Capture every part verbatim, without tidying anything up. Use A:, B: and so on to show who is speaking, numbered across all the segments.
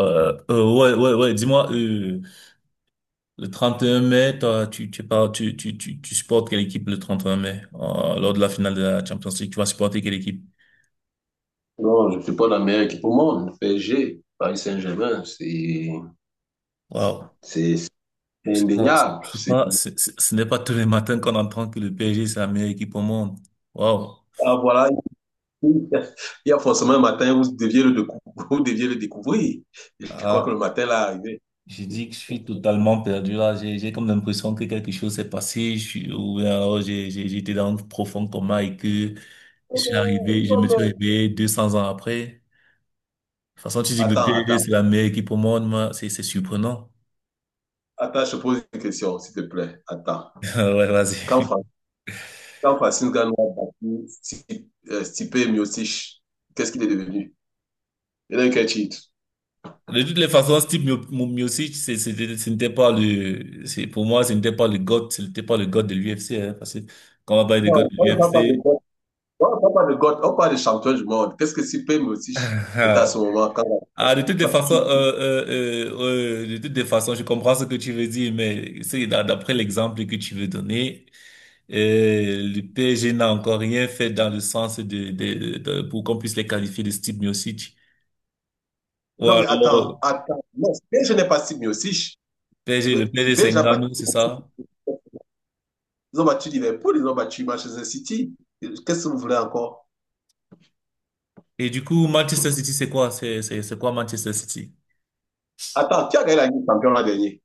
A: Euh, euh, ouais, ouais, ouais. Dis-moi, euh, le trente et un mai, toi, tu, tu, pars- tu, tu, tu, tu supportes quelle équipe le trente et un mai, euh, lors de la finale de la Champions League, tu vas supporter quelle équipe?
B: Non, je ne suis pas la meilleure équipe au monde. Le P S G, Paris Saint-Germain, c'est
A: Waouh.
B: c'est- c'est
A: C'est pas,
B: indéniable.
A: c'est
B: C'est-
A: pas, c'est- c'est- Ce n'est pas tous les matins qu'on entend que le P S G, c'est la meilleure équipe au monde. Waouh.
B: Ah, voilà, il y a forcément un matin où vous deviez le, décou- vous deviez le découvrir. Je crois que
A: Ah,
B: le matin là est arrivé.
A: j'ai dit que je suis totalement perdu là. J'ai, j'ai comme l'impression que quelque chose s'est passé. Je suis, ou bien alors j'ai, j'ai, j'étais dans un profond coma et que
B: Oh
A: je suis arrivé, je me
B: non,
A: suis
B: oh.
A: réveillé deux cents ans après. De toute façon, tu dis que le
B: Attends,
A: P L D,
B: attends,
A: c'est la meilleure équipe au monde, moi, c'est c'est surprenant.
B: attends, je pose une question, s'il te plaît. Attends.
A: Ouais,
B: Quand,
A: vas-y.
B: Fra- quand Francine Gano a battu Sti- euh, Stipe Miocic, qu'est-ce qu'il est devenu? Il a eu quel titre?
A: De toutes les façons, Steve Mio- Mio- Miocic, c'est- c'était- ce n'était pas le, c'est, pour moi, ce n'était pas le god, ce n'était pas le god de l'U F C, hein, parce que quand on va parler de god
B: Non,
A: de
B: on ne parle pas de
A: l'U F C,
B: GOAT. On ne parle pas de GOAT, on parle de champion du monde. Qu'est-ce que Stipe Miocic était à
A: ah,
B: ce moment quand? Non,
A: ah, de toutes les façons, euh, euh, euh, euh, de toutes les façons, je comprends ce que tu veux dire, mais c'est d'a- d'après l'exemple que tu veux donner, euh, le P S G n'a encore rien fait dans le sens de, de, de- pour qu'on puisse les qualifier de Steve Miocic. Ou alors,
B: mais attends, attends. Non, P S G n'est pas si mieux aussi.
A: P. S G. le
B: Mais
A: P. S G. c'est
B: P S G a battu.
A: Ngannou, c'est ça.
B: Ils ont battu Liverpool, ils ont battu Manchester City. Qu'est-ce que vous voulez encore?
A: Et du coup, Manchester City, c'est quoi? C'est, c'est, c'est quoi Manchester City?
B: Attends, qui a gagné la Ligue des Champions l'an dernier?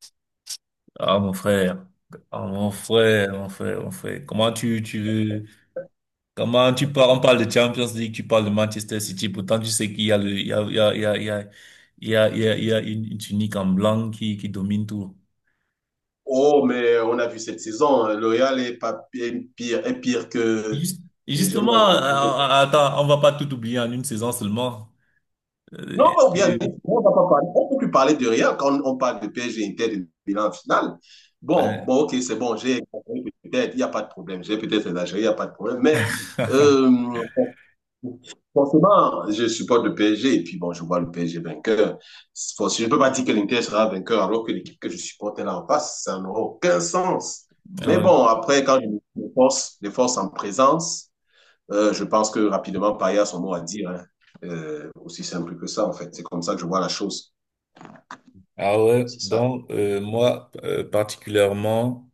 A: Ah, mon frère. Ah, mon frère, mon frère, mon frère. Comment tu, tu veux, comment tu parles, on parle de Champions League, tu parles de Manchester City, pourtant tu sais qu'il y a le, il y a, il y a, il y a, il y a, il y a, il y a, il y a une, une tunique en blanc qui, qui domine tout.
B: Oh, mais on a vu cette saison, le Real est, pas, est pire, est pire que.
A: Juste-
B: Et je me
A: Justement,
B: rappelle
A: euh,
B: que.
A: euh, attends, on va pas tout oublier en une saison seulement. Euh,
B: Non, ou bien,
A: et-
B: on ne va pas parler. On ne peut plus parler de rien quand on parle de P S G Inter de bilan final. Bon, bon, ok, c'est bon, j'ai peut-être, il n'y a pas de problème. J'ai peut-être exagéré, il n'y a pas de problème.
A: Ouais.
B: Mais euh, forcément, je supporte le P S G et puis bon, je vois le P S G vainqueur. Je ne peux pas dire que l'Inter sera vainqueur alors que l'équipe que je supporte est là en face. Ça n'aura aucun sens. Mais bon, après, quand je me force, les forces en présence, euh, je pense que rapidement, Paya a son mot à dire, hein. Euh, aussi simple que ça, en fait. C'est comme ça que je vois la chose.
A: Ah ouais,
B: C'est ça.
A: donc euh, moi, euh, particulièrement,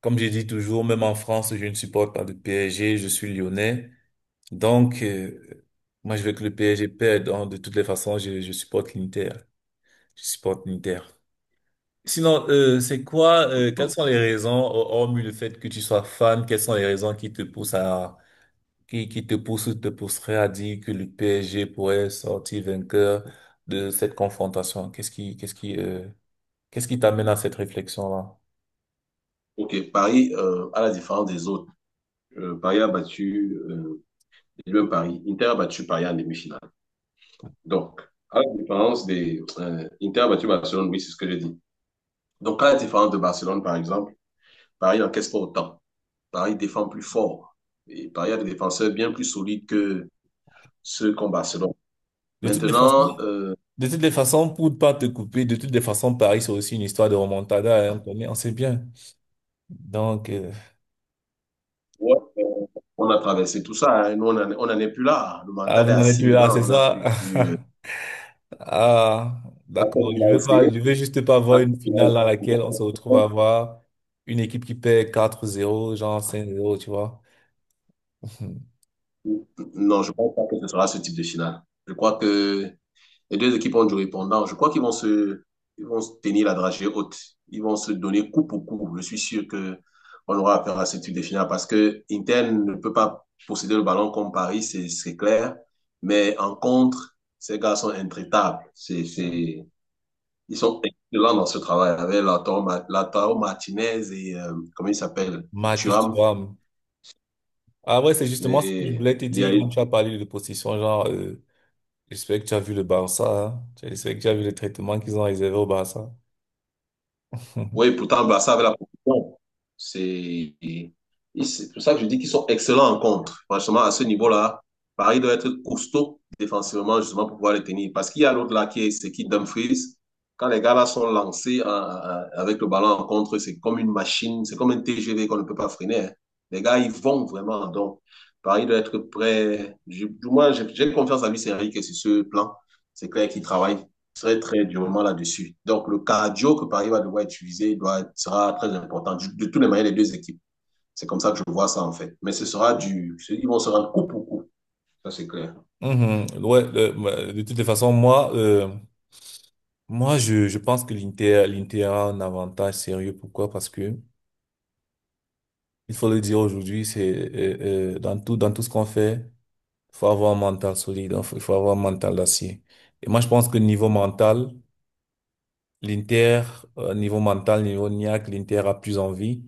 A: comme j'ai dit toujours, même en France, je ne supporte pas le P S G, je suis lyonnais. Donc, euh, moi je veux que le P S G perde, donc de toutes les façons, je, je supporte l'Inter. Je supporte l'Inter. Sinon, euh, c'est quoi, euh, quelles sont les raisons, hor- hormis le fait que tu sois fan, quelles sont les raisons qui te poussent à, qui, qui te poussent ou te pousseraient à dire que le P S G pourrait sortir vainqueur de cette confrontation? Qu'est-ce qui, qu'est-ce qui, euh, Qu'est-ce qui t'amène à cette réflexion-là?
B: OK, Paris, euh, à la différence des autres, euh, Paris a battu, euh, lui, Paris, Inter a battu Paris en demi-finale. Donc, à la différence des... euh, Inter a battu Barcelone, oui, c'est ce que j'ai dit. Donc, à la différence de Barcelone, par exemple, Paris n'encaisse pas autant. Paris défend plus fort. Et Paris a des défenseurs bien plus solides que ceux qu'ont Barcelone.
A: De toutes les Bon, façons,
B: Maintenant, euh,
A: de toutes les façons, pour ne pas te couper, de toutes les façons, Paris, c'est aussi une histoire de remontada, hein, on connaît, on sait bien. Donc, euh,
B: ouais, euh, on a traversé tout ça, hein. Nous, on n'en on n'en est plus là. Le
A: ah,
B: mental est
A: vous n'en êtes
B: assis
A: plus là, c'est
B: maintenant. On n'a
A: ça?
B: plus. Euh,
A: Ah,
B: à
A: d'accord,
B: peine il
A: je
B: a
A: veux pas,
B: essayé,
A: je veux juste pas
B: à
A: voir une
B: peine il a
A: finale dans laquelle on se retrouve
B: essayé.
A: à avoir une équipe qui perd quatre zéro, genre cinq zéro, tu vois.
B: Non, je pense pas que ce sera ce type de finale. Je crois que les deux équipes ont du répondant. Je crois qu'ils vont se, ils vont se tenir la dragée haute. Ils vont se donner coup pour coup. Je suis sûr que on aura affaire à ce type de finale parce que Inter ne peut pas posséder le ballon comme Paris, c'est c'est clair. Mais en contre, ces gars sont intraitables. C'est,
A: Voilà.
B: c'est, ils sont excellents dans ce travail avec Lautaro Ma- Lautaro Martinez et euh, comment il s'appelle?
A: Marcus
B: Thuram.
A: Thuram. Ah ouais, c'est justement ce que je
B: Mais
A: voulais te
B: il y a.
A: dire quand tu as parlé de possession, genre, euh, J'espère que tu as vu le Barça, hein. J'espère que tu as vu les traitements qu'ils ont réservés au Barça.
B: Oui, pourtant, Barça avec la position. C'est et c'est pour ça que je dis qu'ils sont excellents en contre. Franchement, à ce niveau-là, Paris doit être costaud défensivement, justement, pour pouvoir les tenir. Parce qu'il y a l'autre là qui est, c'est qui Dumfries. Quand les gars là sont lancés en- en- avec le ballon en contre, c'est comme une machine, c'est comme un T G V qu'on ne peut pas freiner, hein. Les gars, ils vont vraiment. Donc, Paris doit être prêt. Je- du moins, j'ai j'ai confiance à Luis Enrique sur ce plan. C'est clair qu'il travaille très, très durement là-dessus. Donc, le cardio que Paris va devoir utiliser doit, sera très important. Du- de toutes les manières, les deux équipes. C'est comme ça que je vois ça, en fait. Mais ce sera du. Ils vont se rendre coup pour coup. Ça, c'est clair.
A: Mhm. Ouais, le- ma- de toutes les façons, moi, euh, moi, je, je pense que l'Inter, l'Inter a un avantage sérieux. Pourquoi? Parce que, il faut le dire aujourd'hui, c'est, euh, euh, dans tout, dans tout ce qu'on fait, il faut avoir un mental solide, il faut il faut avoir un mental d'acier. Et moi, je pense que niveau mental, l'Inter, euh, niveau mental, niveau niaque, l'Inter a plus envie.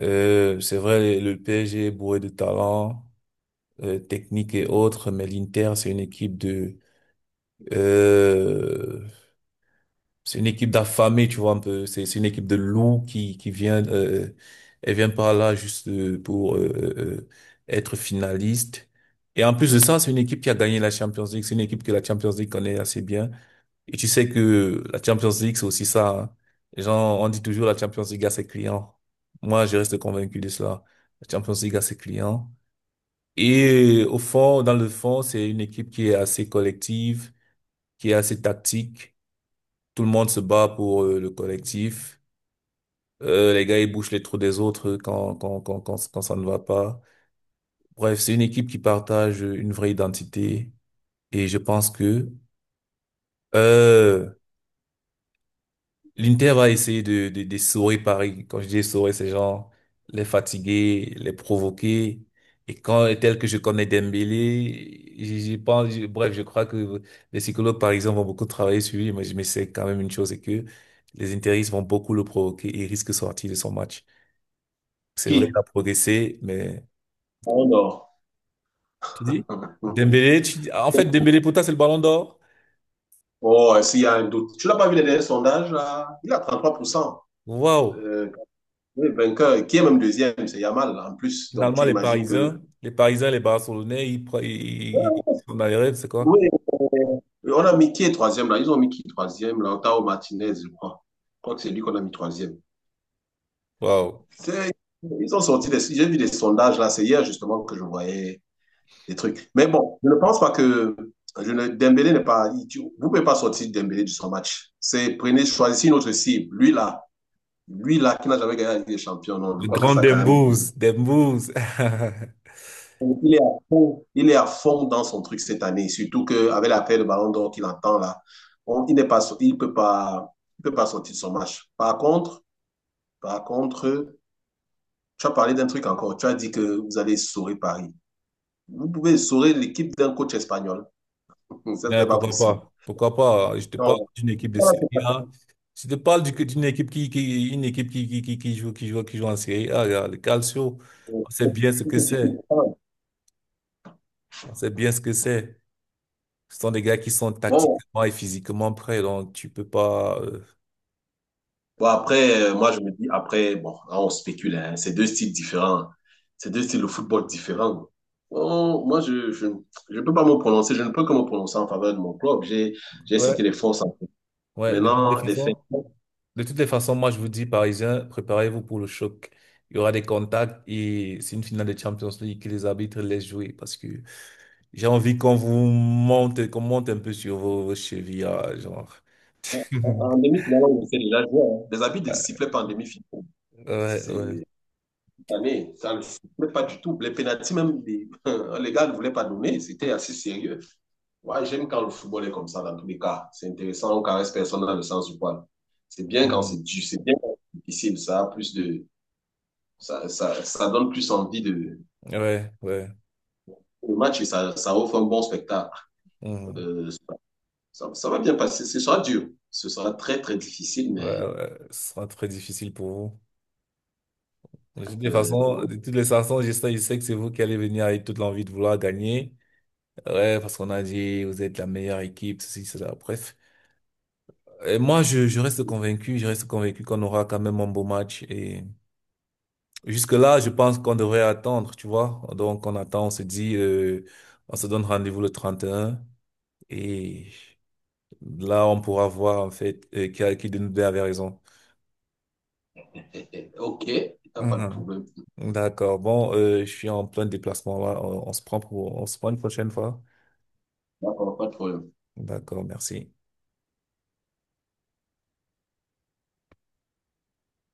A: Euh, c'est vrai, le le P S G est bourré de talent, euh, technique et autres, mais l'Inter, c'est une équipe de, euh, c'est une équipe d'affamés, tu vois, un peu, c'est, c'est une équipe de loups qui, qui vient, euh, elle vient par là juste euh, pour euh, euh, être finaliste. Et en plus de ça, c'est une équipe qui a gagné la Champions League, c'est une équipe que la Champions League connaît assez bien. Et tu sais que la Champions League, c'est aussi ça, hein. Les gens, on dit toujours la Champions League a ses clients. Moi, je reste convaincu de cela. La Champions League a ses clients. Et au fond, dans le fond, c'est une équipe qui est assez collective, qui est assez tactique. Tout le monde se bat pour euh, le collectif. Euh, les gars, ils bouchent les trous des autres quand, quand, quand, quand, quand ça ne va pas. Bref, c'est une équipe qui partage une vraie identité. Et je pense que euh, l'Inter va essayer de, de, de saurer Paris. Quand je dis saurer, c'est genre les fatiguer, les provoquer. Et quand, tel que je connais Dembélé, je je pense, je- bref, je crois que les psychologues parisiens vont beaucoup travailler sur lui, mais je me sais quand même une chose, c'est que les interistes vont beaucoup le provoquer et il risque de sortir de son match. C'est vrai, il
B: Qui?
A: a progressé, mais
B: On dort.
A: tu dis, Dembélé, tu dis- en fait, Dembélé pour toi, c'est le ballon d'or.
B: Oh, s'il y a un doute. Tu n'as pas vu les derniers sondages, là? Il a trente-trois pour cent.
A: Waouh!
B: Euh, oui, vainqueur, qui est même deuxième, c'est Yamal là, en plus. Donc
A: Finalement,
B: tu
A: les
B: imagines que.
A: Parisiens, les Parisiens, les Barcelonais, ils, pre- ils, ils ils sont dans les rêves, c'est quoi?
B: Oui, euh, on a mis qui est troisième là? Ils ont mis qui troisième là? Otao Martinez, je crois. Je crois que c'est lui qu'on a mis troisième.
A: Waouh.
B: C'est- ils ont sorti des... J'ai vu des sondages là, c'est hier justement que je voyais des trucs. Mais bon, je ne pense pas que je ne... Dembélé n'est pas... il- tu- Vous ne pouvez pas sortir Dembélé de son match. C'est prenez, choisissez une autre cible. Lui là, lui là qui n'a jamais gagné la Ligue des Champions, non, je
A: Le
B: crois que
A: grand
B: ça quand même...
A: Dembouz. Dembouz.
B: Il est à fond, il est à fond dans son truc cette année, surtout qu'avec l'appel de Ballon d'Or qu'il entend là, on- il n'est pas... so- il peut pas... il peut pas sortir de son match. Par contre, par contre, tu as parlé d'un truc encore. Tu as dit que vous allez sauver Paris. Vous pouvez essorer l'équipe d'un coach espagnol. Ça,
A: Mais
B: c'est pas
A: pourquoi
B: possible.
A: pas? Pourquoi pas? Je te parle
B: Non.
A: d'une équipe de
B: Voilà,
A: Serie
B: c'est pas-
A: A. Je te parle du- d'une équipe qui, qui, une équipe qui, qui, qui, qui joue, qui joue, qui joue en Serie A. Regarde, le Calcio. On sait bien ce que c'est. On sait bien ce que c'est. Ce sont des gars qui sont
B: bon,
A: tactiquement et physiquement prêts. Donc, tu peux pas, euh,
B: bon après, euh, moi, je me dis, après, bon, là, on spécule, hein, c'est deux styles différents. C'est deux styles de football différents. Bon, moi, je, je, je peux pas me prononcer, je ne peux que me prononcer en faveur de mon club. J'ai, j'ai cité
A: Ouais.
B: les forces en fait.
A: Ouais, de toutes les
B: Maintenant, les faits.
A: façons, de toutes les façons, moi je vous dis, Parisiens, préparez-vous pour le choc. Il y aura des contacts et c'est une finale de Champions League que les arbitres laissent jouer, parce que j'ai envie qu'on vous monte, qu'on monte un peu sur vos, vos chevilles, ah, genre.
B: En, en demi-finale, on sait déjà jouer, hein. Les habits ne sifflaient pas en demi-finale.
A: Ouais, ouais, ouais.
B: C'est, année. Ça ne plaît pas du tout. Les pénalties, même, les, les gars ne voulaient pas donner. C'était assez sérieux. Ouais, j'aime quand le football est comme ça, dans tous les cas. C'est intéressant, on ne caresse personne dans le sens du poil. C'est bien quand
A: Mhm.
B: c'est dur, c'est bien quand c'est difficile. Ça, a plus de, ça, ça, ça donne plus envie de,
A: Ouais, ouais.
B: le match et ça, ça offre un bon spectacle.
A: Mhm.
B: Euh, Ça, ça, va bien passer. Ce sera dur. Ce sera très, très difficile,
A: Ouais,
B: mais
A: ouais. Ce sera très difficile pour vous. De toutes les
B: euh,
A: façons, de toutes les façons, je sais, je sais que c'est vous qui allez venir avec toute l'envie de vouloir gagner. Ouais, parce qu'on a dit, vous êtes la meilleure équipe, ceci, cela, bref. Et moi, je, je reste convaincu, je reste convaincu qu'on aura quand même un beau match et. Jusque-là, je pense qu'on devrait attendre, tu vois. Donc, on attend, on se dit, euh, on se donne rendez-vous le trente et un et un et là, on pourra voir, en fait, euh, qui a, qui de nous deux avait raison.
B: OK, pas de
A: Mhm.
B: problème.
A: D'accord. Bon, euh, je suis en plein déplacement là. On, on se prend pour, on se prend une prochaine fois.
B: Pas de problème.
A: D'accord, merci.